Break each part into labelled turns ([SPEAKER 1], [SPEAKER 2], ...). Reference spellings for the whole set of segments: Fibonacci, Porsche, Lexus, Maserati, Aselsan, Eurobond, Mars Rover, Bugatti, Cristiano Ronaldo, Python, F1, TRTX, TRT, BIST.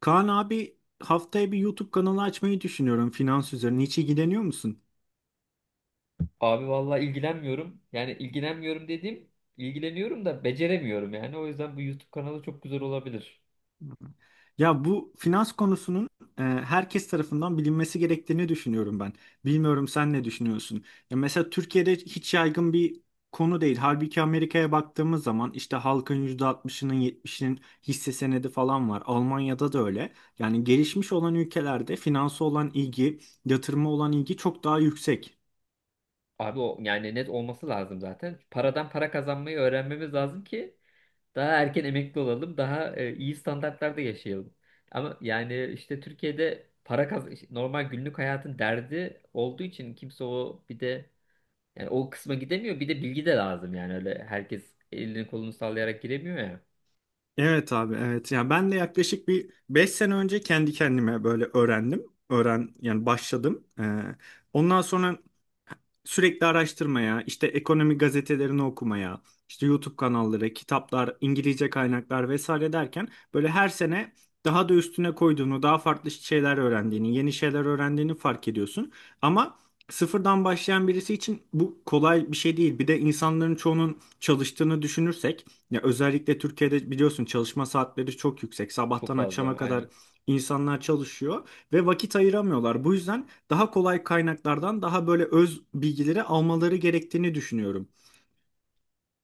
[SPEAKER 1] Kaan abi, haftaya bir YouTube kanalı açmayı düşünüyorum finans üzerine. Hiç ilgileniyor musun?
[SPEAKER 2] Abi vallahi ilgilenmiyorum. Yani ilgilenmiyorum dediğim ilgileniyorum da beceremiyorum yani. O yüzden bu YouTube kanalı çok güzel olabilir.
[SPEAKER 1] Ya bu finans konusunun herkes tarafından bilinmesi gerektiğini düşünüyorum ben. Bilmiyorum sen ne düşünüyorsun? Ya mesela Türkiye'de hiç yaygın bir konu değil. Halbuki Amerika'ya baktığımız zaman işte halkın %60'ının 70'inin hisse senedi falan var. Almanya'da da öyle. Yani gelişmiş olan ülkelerde finansa olan ilgi, yatırıma olan ilgi çok daha yüksek.
[SPEAKER 2] Abi o yani net olması lazım zaten. Paradan para kazanmayı öğrenmemiz lazım ki daha erken emekli olalım, daha iyi standartlarda yaşayalım. Ama yani işte Türkiye'de para işte normal günlük hayatın derdi olduğu için kimse o bir de yani o kısma gidemiyor. Bir de bilgi de lazım yani öyle herkes elini kolunu sallayarak giremiyor ya.
[SPEAKER 1] Evet abi, evet. Yani ben de yaklaşık bir 5 sene önce kendi kendime böyle öğrendim. Yani başladım. Ondan sonra sürekli araştırmaya, işte ekonomi gazetelerini okumaya, işte YouTube kanalları, kitaplar, İngilizce kaynaklar vesaire derken böyle her sene daha da üstüne koyduğunu, daha farklı şeyler öğrendiğini, yeni şeyler öğrendiğini fark ediyorsun. Ama sıfırdan başlayan birisi için bu kolay bir şey değil. Bir de insanların çoğunun çalıştığını düşünürsek, ya özellikle Türkiye'de biliyorsun çalışma saatleri çok yüksek.
[SPEAKER 2] Çok
[SPEAKER 1] Sabahtan
[SPEAKER 2] fazla
[SPEAKER 1] akşama
[SPEAKER 2] aynen.
[SPEAKER 1] kadar insanlar çalışıyor ve vakit ayıramıyorlar. Bu yüzden daha kolay kaynaklardan daha böyle öz bilgileri almaları gerektiğini düşünüyorum.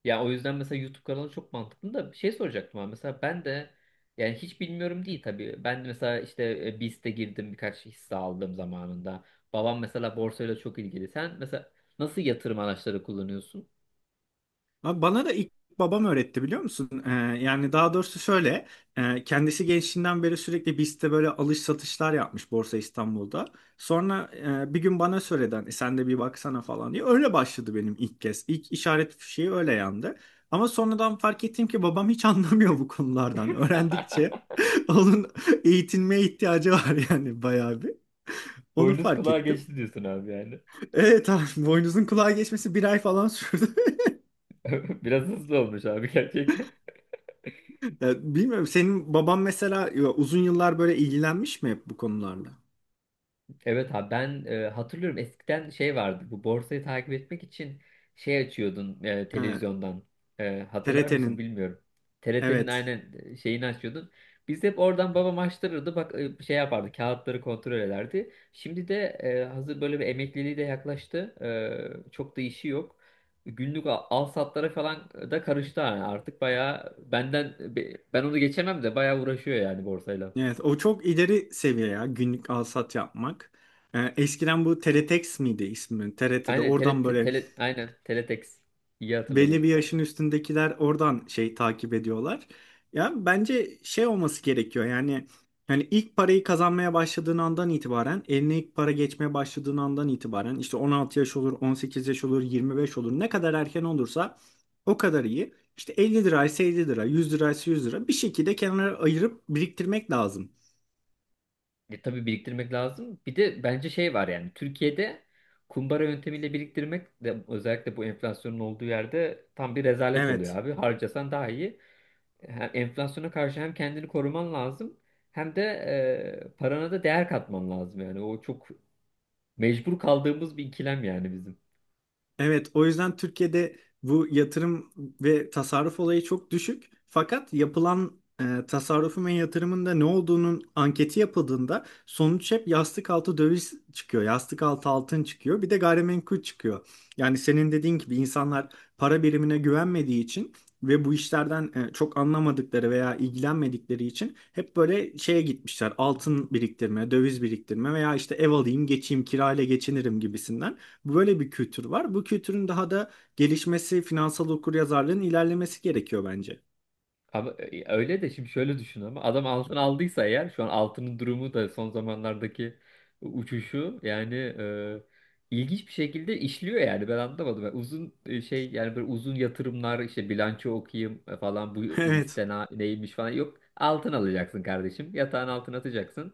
[SPEAKER 2] Ya o yüzden mesela YouTube kanalı çok mantıklı da bir şey soracaktım abi. Mesela ben de yani hiç bilmiyorum değil tabii. Ben de mesela işte BIST'e girdim birkaç hisse aldım zamanında. Babam mesela borsayla çok ilgili. Sen mesela nasıl yatırım araçları kullanıyorsun?
[SPEAKER 1] Ama bana da ilk babam öğretti, biliyor musun? Yani daha doğrusu şöyle, kendisi gençliğinden beri sürekli BIST'te böyle alış satışlar yapmış, Borsa İstanbul'da. Sonra bir gün bana söyledi, hani sen de bir baksana falan diye. Öyle başladı benim ilk kez. İlk işaret fişeği öyle yandı. Ama sonradan fark ettim ki babam hiç anlamıyor bu konulardan. Öğrendikçe onun eğitilmeye ihtiyacı var yani, bayağı bir. Onu
[SPEAKER 2] Boynuz
[SPEAKER 1] fark
[SPEAKER 2] kulağa
[SPEAKER 1] ettim.
[SPEAKER 2] geçti diyorsun abi yani.
[SPEAKER 1] Evet abi, boynuzun kulağa geçmesi bir ay falan sürdü.
[SPEAKER 2] Biraz hızlı olmuş abi gerçekten.
[SPEAKER 1] Ya, bilmiyorum senin baban mesela, ya uzun yıllar böyle ilgilenmiş mi hep bu konularla?
[SPEAKER 2] Evet abi ben hatırlıyorum eskiden şey vardı bu borsayı takip etmek için şey açıyordun
[SPEAKER 1] Evet,
[SPEAKER 2] televizyondan. E, hatırlar mısın
[SPEAKER 1] TRT'nin.
[SPEAKER 2] bilmiyorum. TRT'nin
[SPEAKER 1] Evet,
[SPEAKER 2] aynen şeyini açıyordun. Biz hep oradan babam açtırırdı bak şey yapardı, kağıtları kontrol ederdi. Şimdi de hazır böyle bir emekliliği de yaklaştı. E, çok da işi yok. Günlük al, al satlara falan da karıştı yani artık bayağı benden ben onu geçemem de bayağı uğraşıyor yani borsayla.
[SPEAKER 1] evet. O çok ileri seviye ya, günlük alsat yapmak. Eskiden bu TRTX miydi ismi? TRT'de
[SPEAKER 2] Aynen tele,
[SPEAKER 1] oradan
[SPEAKER 2] te-
[SPEAKER 1] böyle
[SPEAKER 2] tele aynen teletext. İyi hatırladın.
[SPEAKER 1] belli bir yaşın üstündekiler oradan şey takip ediyorlar. Ya bence şey olması gerekiyor. Yani hani ilk parayı kazanmaya başladığın andan itibaren, eline ilk para geçmeye başladığın andan itibaren, işte 16 yaş olur, 18 yaş olur, 25 olur. Ne kadar erken olursa o kadar iyi. İşte 50 liraysa 50 lira, 100 liraysa 100 lira, bir şekilde kenara ayırıp biriktirmek lazım.
[SPEAKER 2] E, tabii biriktirmek lazım. Bir de bence şey var yani Türkiye'de kumbara yöntemiyle biriktirmek de özellikle bu enflasyonun olduğu yerde tam bir rezalet oluyor
[SPEAKER 1] Evet.
[SPEAKER 2] abi. Harcasan daha iyi. Hem enflasyona karşı hem kendini koruman lazım, hem de parana da değer katman lazım yani. O çok mecbur kaldığımız bir ikilem yani bizim.
[SPEAKER 1] Evet, o yüzden Türkiye'de bu yatırım ve tasarruf olayı çok düşük. Fakat yapılan tasarrufun ve yatırımın da ne olduğunun anketi yapıldığında, sonuç hep yastık altı döviz çıkıyor, yastık altı altın çıkıyor, bir de gayrimenkul çıkıyor. Yani senin dediğin gibi insanlar para birimine güvenmediği için ve bu işlerden çok anlamadıkları veya ilgilenmedikleri için hep böyle şeye gitmişler: altın biriktirme, döviz biriktirme veya işte ev alayım, geçeyim, kirayla geçinirim gibisinden. Böyle bir kültür var. Bu kültürün daha da gelişmesi, finansal okuryazarlığın ilerlemesi gerekiyor bence.
[SPEAKER 2] Ama öyle de, şimdi şöyle düşün, ama adam altın aldıysa eğer şu an altının durumu da son zamanlardaki uçuşu yani ilginç bir şekilde işliyor yani ben anlamadım. Ben uzun şey, yani böyle uzun yatırımlar, işte bilanço okuyayım falan, bu
[SPEAKER 1] Evet.
[SPEAKER 2] hisse neymiş falan, yok. Altın alacaksın kardeşim, yatağın altına atacaksın.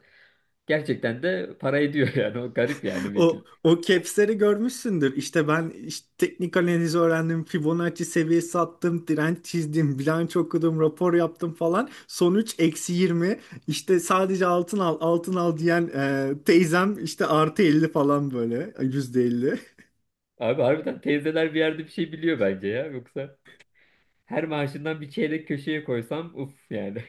[SPEAKER 2] Gerçekten de para ediyor yani, o garip yani Vigil.
[SPEAKER 1] O caps'leri görmüşsündür. İşte ben işte teknik analizi öğrendim, Fibonacci seviyesi attım, direnç çizdim, bilanço okudum, rapor yaptım falan. Sonuç -20. İşte sadece altın al, altın al diyen teyzem işte artı 50 falan, böyle %50.
[SPEAKER 2] Abi harbiden teyzeler bir yerde bir şey biliyor bence ya, yoksa her maaşından bir çeyrek köşeye koysam uf yani.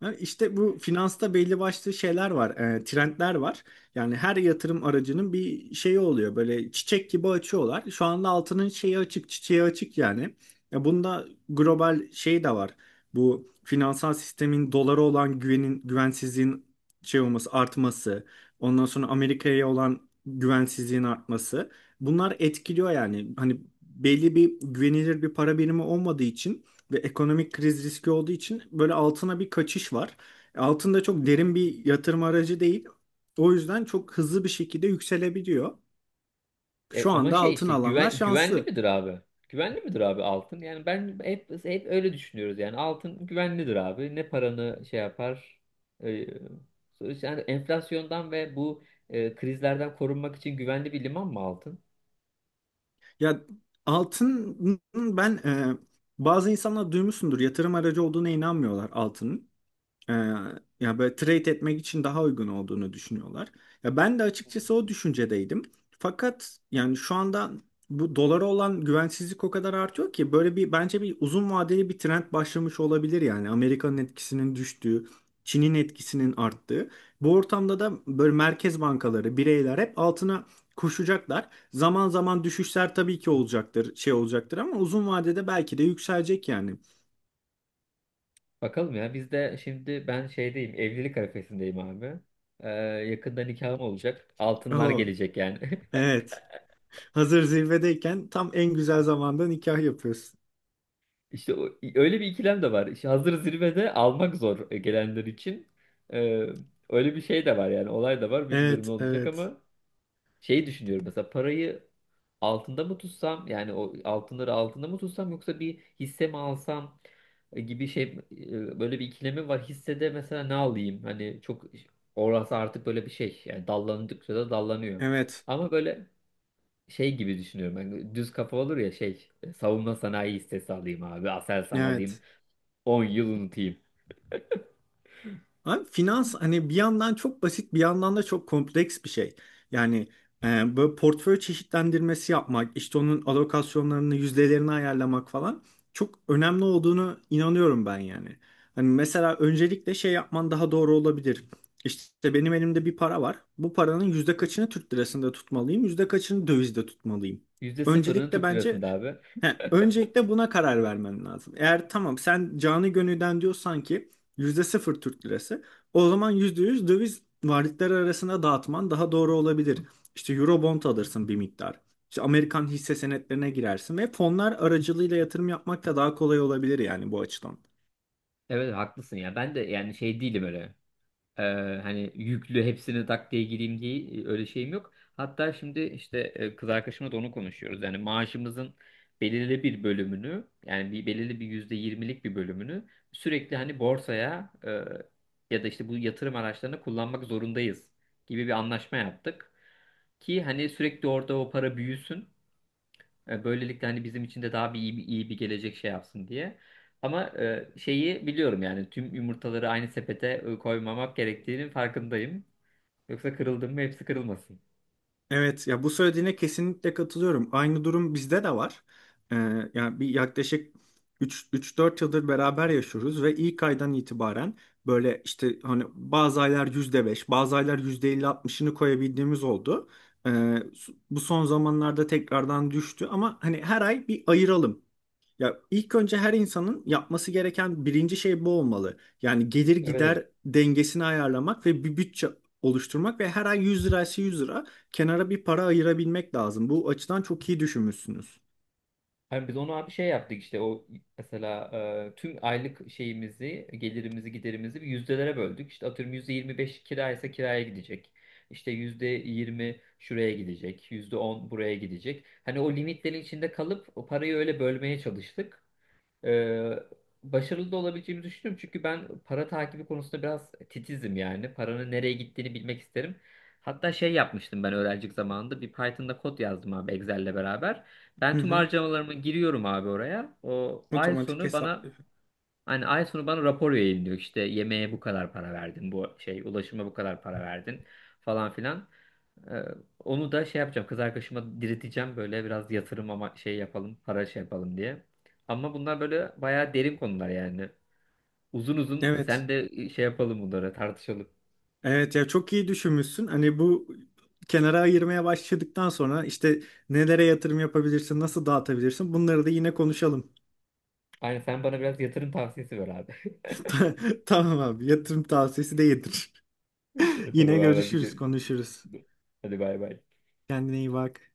[SPEAKER 1] Yani İşte bu finansta belli başlı şeyler var, trendler var. Yani her yatırım aracının bir şeyi oluyor. Böyle çiçek gibi açıyorlar. Şu anda altının şeyi açık, çiçeği açık yani. Bunda global şey de var. Bu finansal sistemin, dolara olan güvenin, güvensizliğin şey olması, artması. Ondan sonra Amerika'ya olan güvensizliğin artması. Bunlar etkiliyor yani. Hani belli bir güvenilir bir para birimi olmadığı için ve ekonomik kriz riski olduğu için böyle altına bir kaçış var. Altın da çok derin bir yatırım aracı değil. O yüzden çok hızlı bir şekilde yükselebiliyor. Şu
[SPEAKER 2] Ama
[SPEAKER 1] anda
[SPEAKER 2] şey
[SPEAKER 1] altın
[SPEAKER 2] işte,
[SPEAKER 1] alanlar
[SPEAKER 2] güven güvenli
[SPEAKER 1] şanslı.
[SPEAKER 2] midir abi? Güvenli midir abi altın? Yani ben hep öyle düşünüyoruz yani, altın güvenlidir abi. Ne paranı şey yapar? E, Sonuçta yani enflasyondan ve bu krizlerden korunmak için güvenli bir liman mı altın?
[SPEAKER 1] Ya altın, ben bazı insanlar duymuşsundur, yatırım aracı olduğuna inanmıyorlar altının. Ee, ya böyle trade etmek için daha uygun olduğunu düşünüyorlar. Ya ben de
[SPEAKER 2] Hı.
[SPEAKER 1] açıkçası o düşüncedeydim. Fakat yani şu anda bu dolara olan güvensizlik o kadar artıyor ki böyle bir, bence bir uzun vadeli bir trend başlamış olabilir yani. Amerika'nın etkisinin düştüğü, Çin'in etkisinin arttığı. Bu ortamda da böyle merkez bankaları, bireyler hep altına koşacaklar. Zaman zaman düşüşler tabii ki olacaktır, şey olacaktır, ama uzun vadede belki de yükselecek yani.
[SPEAKER 2] Bakalım ya, biz de şimdi ben şeydeyim, evlilik arifesindeyim abi. E, Yakında nikahım olacak. Altınlar
[SPEAKER 1] Oo,
[SPEAKER 2] gelecek yani.
[SPEAKER 1] evet. Hazır zirvedeyken, tam en güzel zamanda nikah yapıyorsun.
[SPEAKER 2] İşte o, öyle bir ikilem de var. İşte hazır zirvede almak zor gelenler için. Ee, Öyle bir şey de var yani, olay da var. Bilmiyorum
[SPEAKER 1] Evet,
[SPEAKER 2] ne olacak,
[SPEAKER 1] evet,
[SPEAKER 2] ama şeyi düşünüyorum mesela, parayı altında mı tutsam yani, o altınları altında mı tutsam, yoksa bir hisse mi alsam gibi şey, böyle bir ikilemim var. Hissede mesela ne alayım? Hani çok orası artık böyle bir şey. Yani dallandıkça da dallanıyor.
[SPEAKER 1] evet,
[SPEAKER 2] Ama böyle şey gibi düşünüyorum. Hani düz kafa olur ya şey, savunma sanayi hissesi alayım abi. Aselsan alayım.
[SPEAKER 1] evet.
[SPEAKER 2] 10 yıl unutayım.
[SPEAKER 1] Abi finans, hani bir yandan çok basit, bir yandan da çok kompleks bir şey. Yani böyle portföy çeşitlendirmesi yapmak, işte onun alokasyonlarını, yüzdelerini ayarlamak falan çok önemli olduğunu inanıyorum ben yani. Hani mesela öncelikle şey yapman daha doğru olabilir. İşte benim elimde bir para var. Bu paranın yüzde kaçını Türk lirasında tutmalıyım, yüzde kaçını dövizde tutmalıyım.
[SPEAKER 2] Yüzde sıfırını
[SPEAKER 1] Öncelikle
[SPEAKER 2] Türk
[SPEAKER 1] bence
[SPEAKER 2] lirasında abi.
[SPEAKER 1] He, öncelikle buna karar vermen lazım. Eğer tamam sen canı gönülden diyorsan ki %0 Türk lirası, o zaman %100 döviz varlıkları arasında dağıtman daha doğru olabilir. İşte Eurobond alırsın bir miktar. İşte Amerikan hisse senetlerine girersin ve fonlar aracılığıyla yatırım yapmak da daha kolay olabilir yani, bu açıdan.
[SPEAKER 2] Evet haklısın ya. Ben de yani şey değilim öyle. Ee, Hani yüklü hepsini tak diye gireyim diye öyle şeyim yok. Hatta şimdi işte kız arkadaşımla da onu konuşuyoruz. Yani maaşımızın belirli bir bölümünü, yani belirli bir %20'lik bir bölümünü sürekli hani borsaya, ya da işte bu yatırım araçlarını kullanmak zorundayız gibi bir anlaşma yaptık. Ki hani sürekli orada o para büyüsün. Böylelikle hani bizim için de daha bir iyi, bir iyi bir gelecek şey yapsın diye. Ama şeyi biliyorum yani, tüm yumurtaları aynı sepete koymamak gerektiğinin farkındayım. Yoksa kırıldım mı hepsi kırılmasın.
[SPEAKER 1] Evet ya, bu söylediğine kesinlikle katılıyorum. Aynı durum bizde de var. Ee, yani bir yaklaşık 3-4 yıldır beraber yaşıyoruz ve ilk aydan itibaren böyle işte hani bazı aylar %5, bazı aylar yüzde elli altmışını koyabildiğimiz oldu. Ee, bu son zamanlarda tekrardan düştü, ama hani her ay bir ayıralım. Ya ilk önce her insanın yapması gereken birinci şey bu olmalı. Yani gelir
[SPEAKER 2] Evet,
[SPEAKER 1] gider dengesini ayarlamak ve bir bütçe oluşturmak ve her ay 100 liraysa 100 lira kenara bir para ayırabilmek lazım. Bu açıdan çok iyi düşünmüşsünüz.
[SPEAKER 2] hani biz onu abi şey yaptık, işte o mesela tüm aylık şeyimizi, gelirimizi, giderimizi bir yüzdelere böldük. İşte atıyorum %25 kira ise kiraya gidecek. İşte %20 şuraya gidecek, %10 buraya gidecek. Hani o limitlerin içinde kalıp o parayı öyle bölmeye çalıştık. Ee, Başarılı da olabileceğimi düşünüyorum. Çünkü ben para takibi konusunda biraz titizim yani. Paranın nereye gittiğini bilmek isterim. Hatta şey yapmıştım ben öğrencilik zamanında. Bir Python'da kod yazdım abi Excel'le beraber. Ben
[SPEAKER 1] Hı
[SPEAKER 2] tüm
[SPEAKER 1] hı.
[SPEAKER 2] harcamalarımı giriyorum abi oraya. O
[SPEAKER 1] Otomatik hesaplıyor.
[SPEAKER 2] ay sonu bana rapor yayınlıyor. İşte yemeğe bu kadar para verdin. Bu şey, ulaşıma bu kadar para verdin falan filan. Ee, Onu da şey yapacağım, kız arkadaşıma direteceğim böyle biraz yatırım ama, şey yapalım, para şey yapalım diye. Ama bunlar böyle bayağı derin konular yani. Uzun uzun
[SPEAKER 1] Evet.
[SPEAKER 2] sen de şey yapalım, bunları tartışalım.
[SPEAKER 1] Evet ya, çok iyi düşünmüşsün. Hani bu kenara ayırmaya başladıktan sonra işte nelere yatırım yapabilirsin, nasıl dağıtabilirsin, bunları da yine konuşalım.
[SPEAKER 2] Aynen, sen bana biraz yatırım tavsiyesi ver abi.
[SPEAKER 1] Tamam abi, yatırım tavsiyesi de yedir.
[SPEAKER 2] Tamam
[SPEAKER 1] Yine
[SPEAKER 2] abi, hadi
[SPEAKER 1] görüşürüz, konuşuruz.
[SPEAKER 2] hadi bay bay.
[SPEAKER 1] Kendine iyi bak.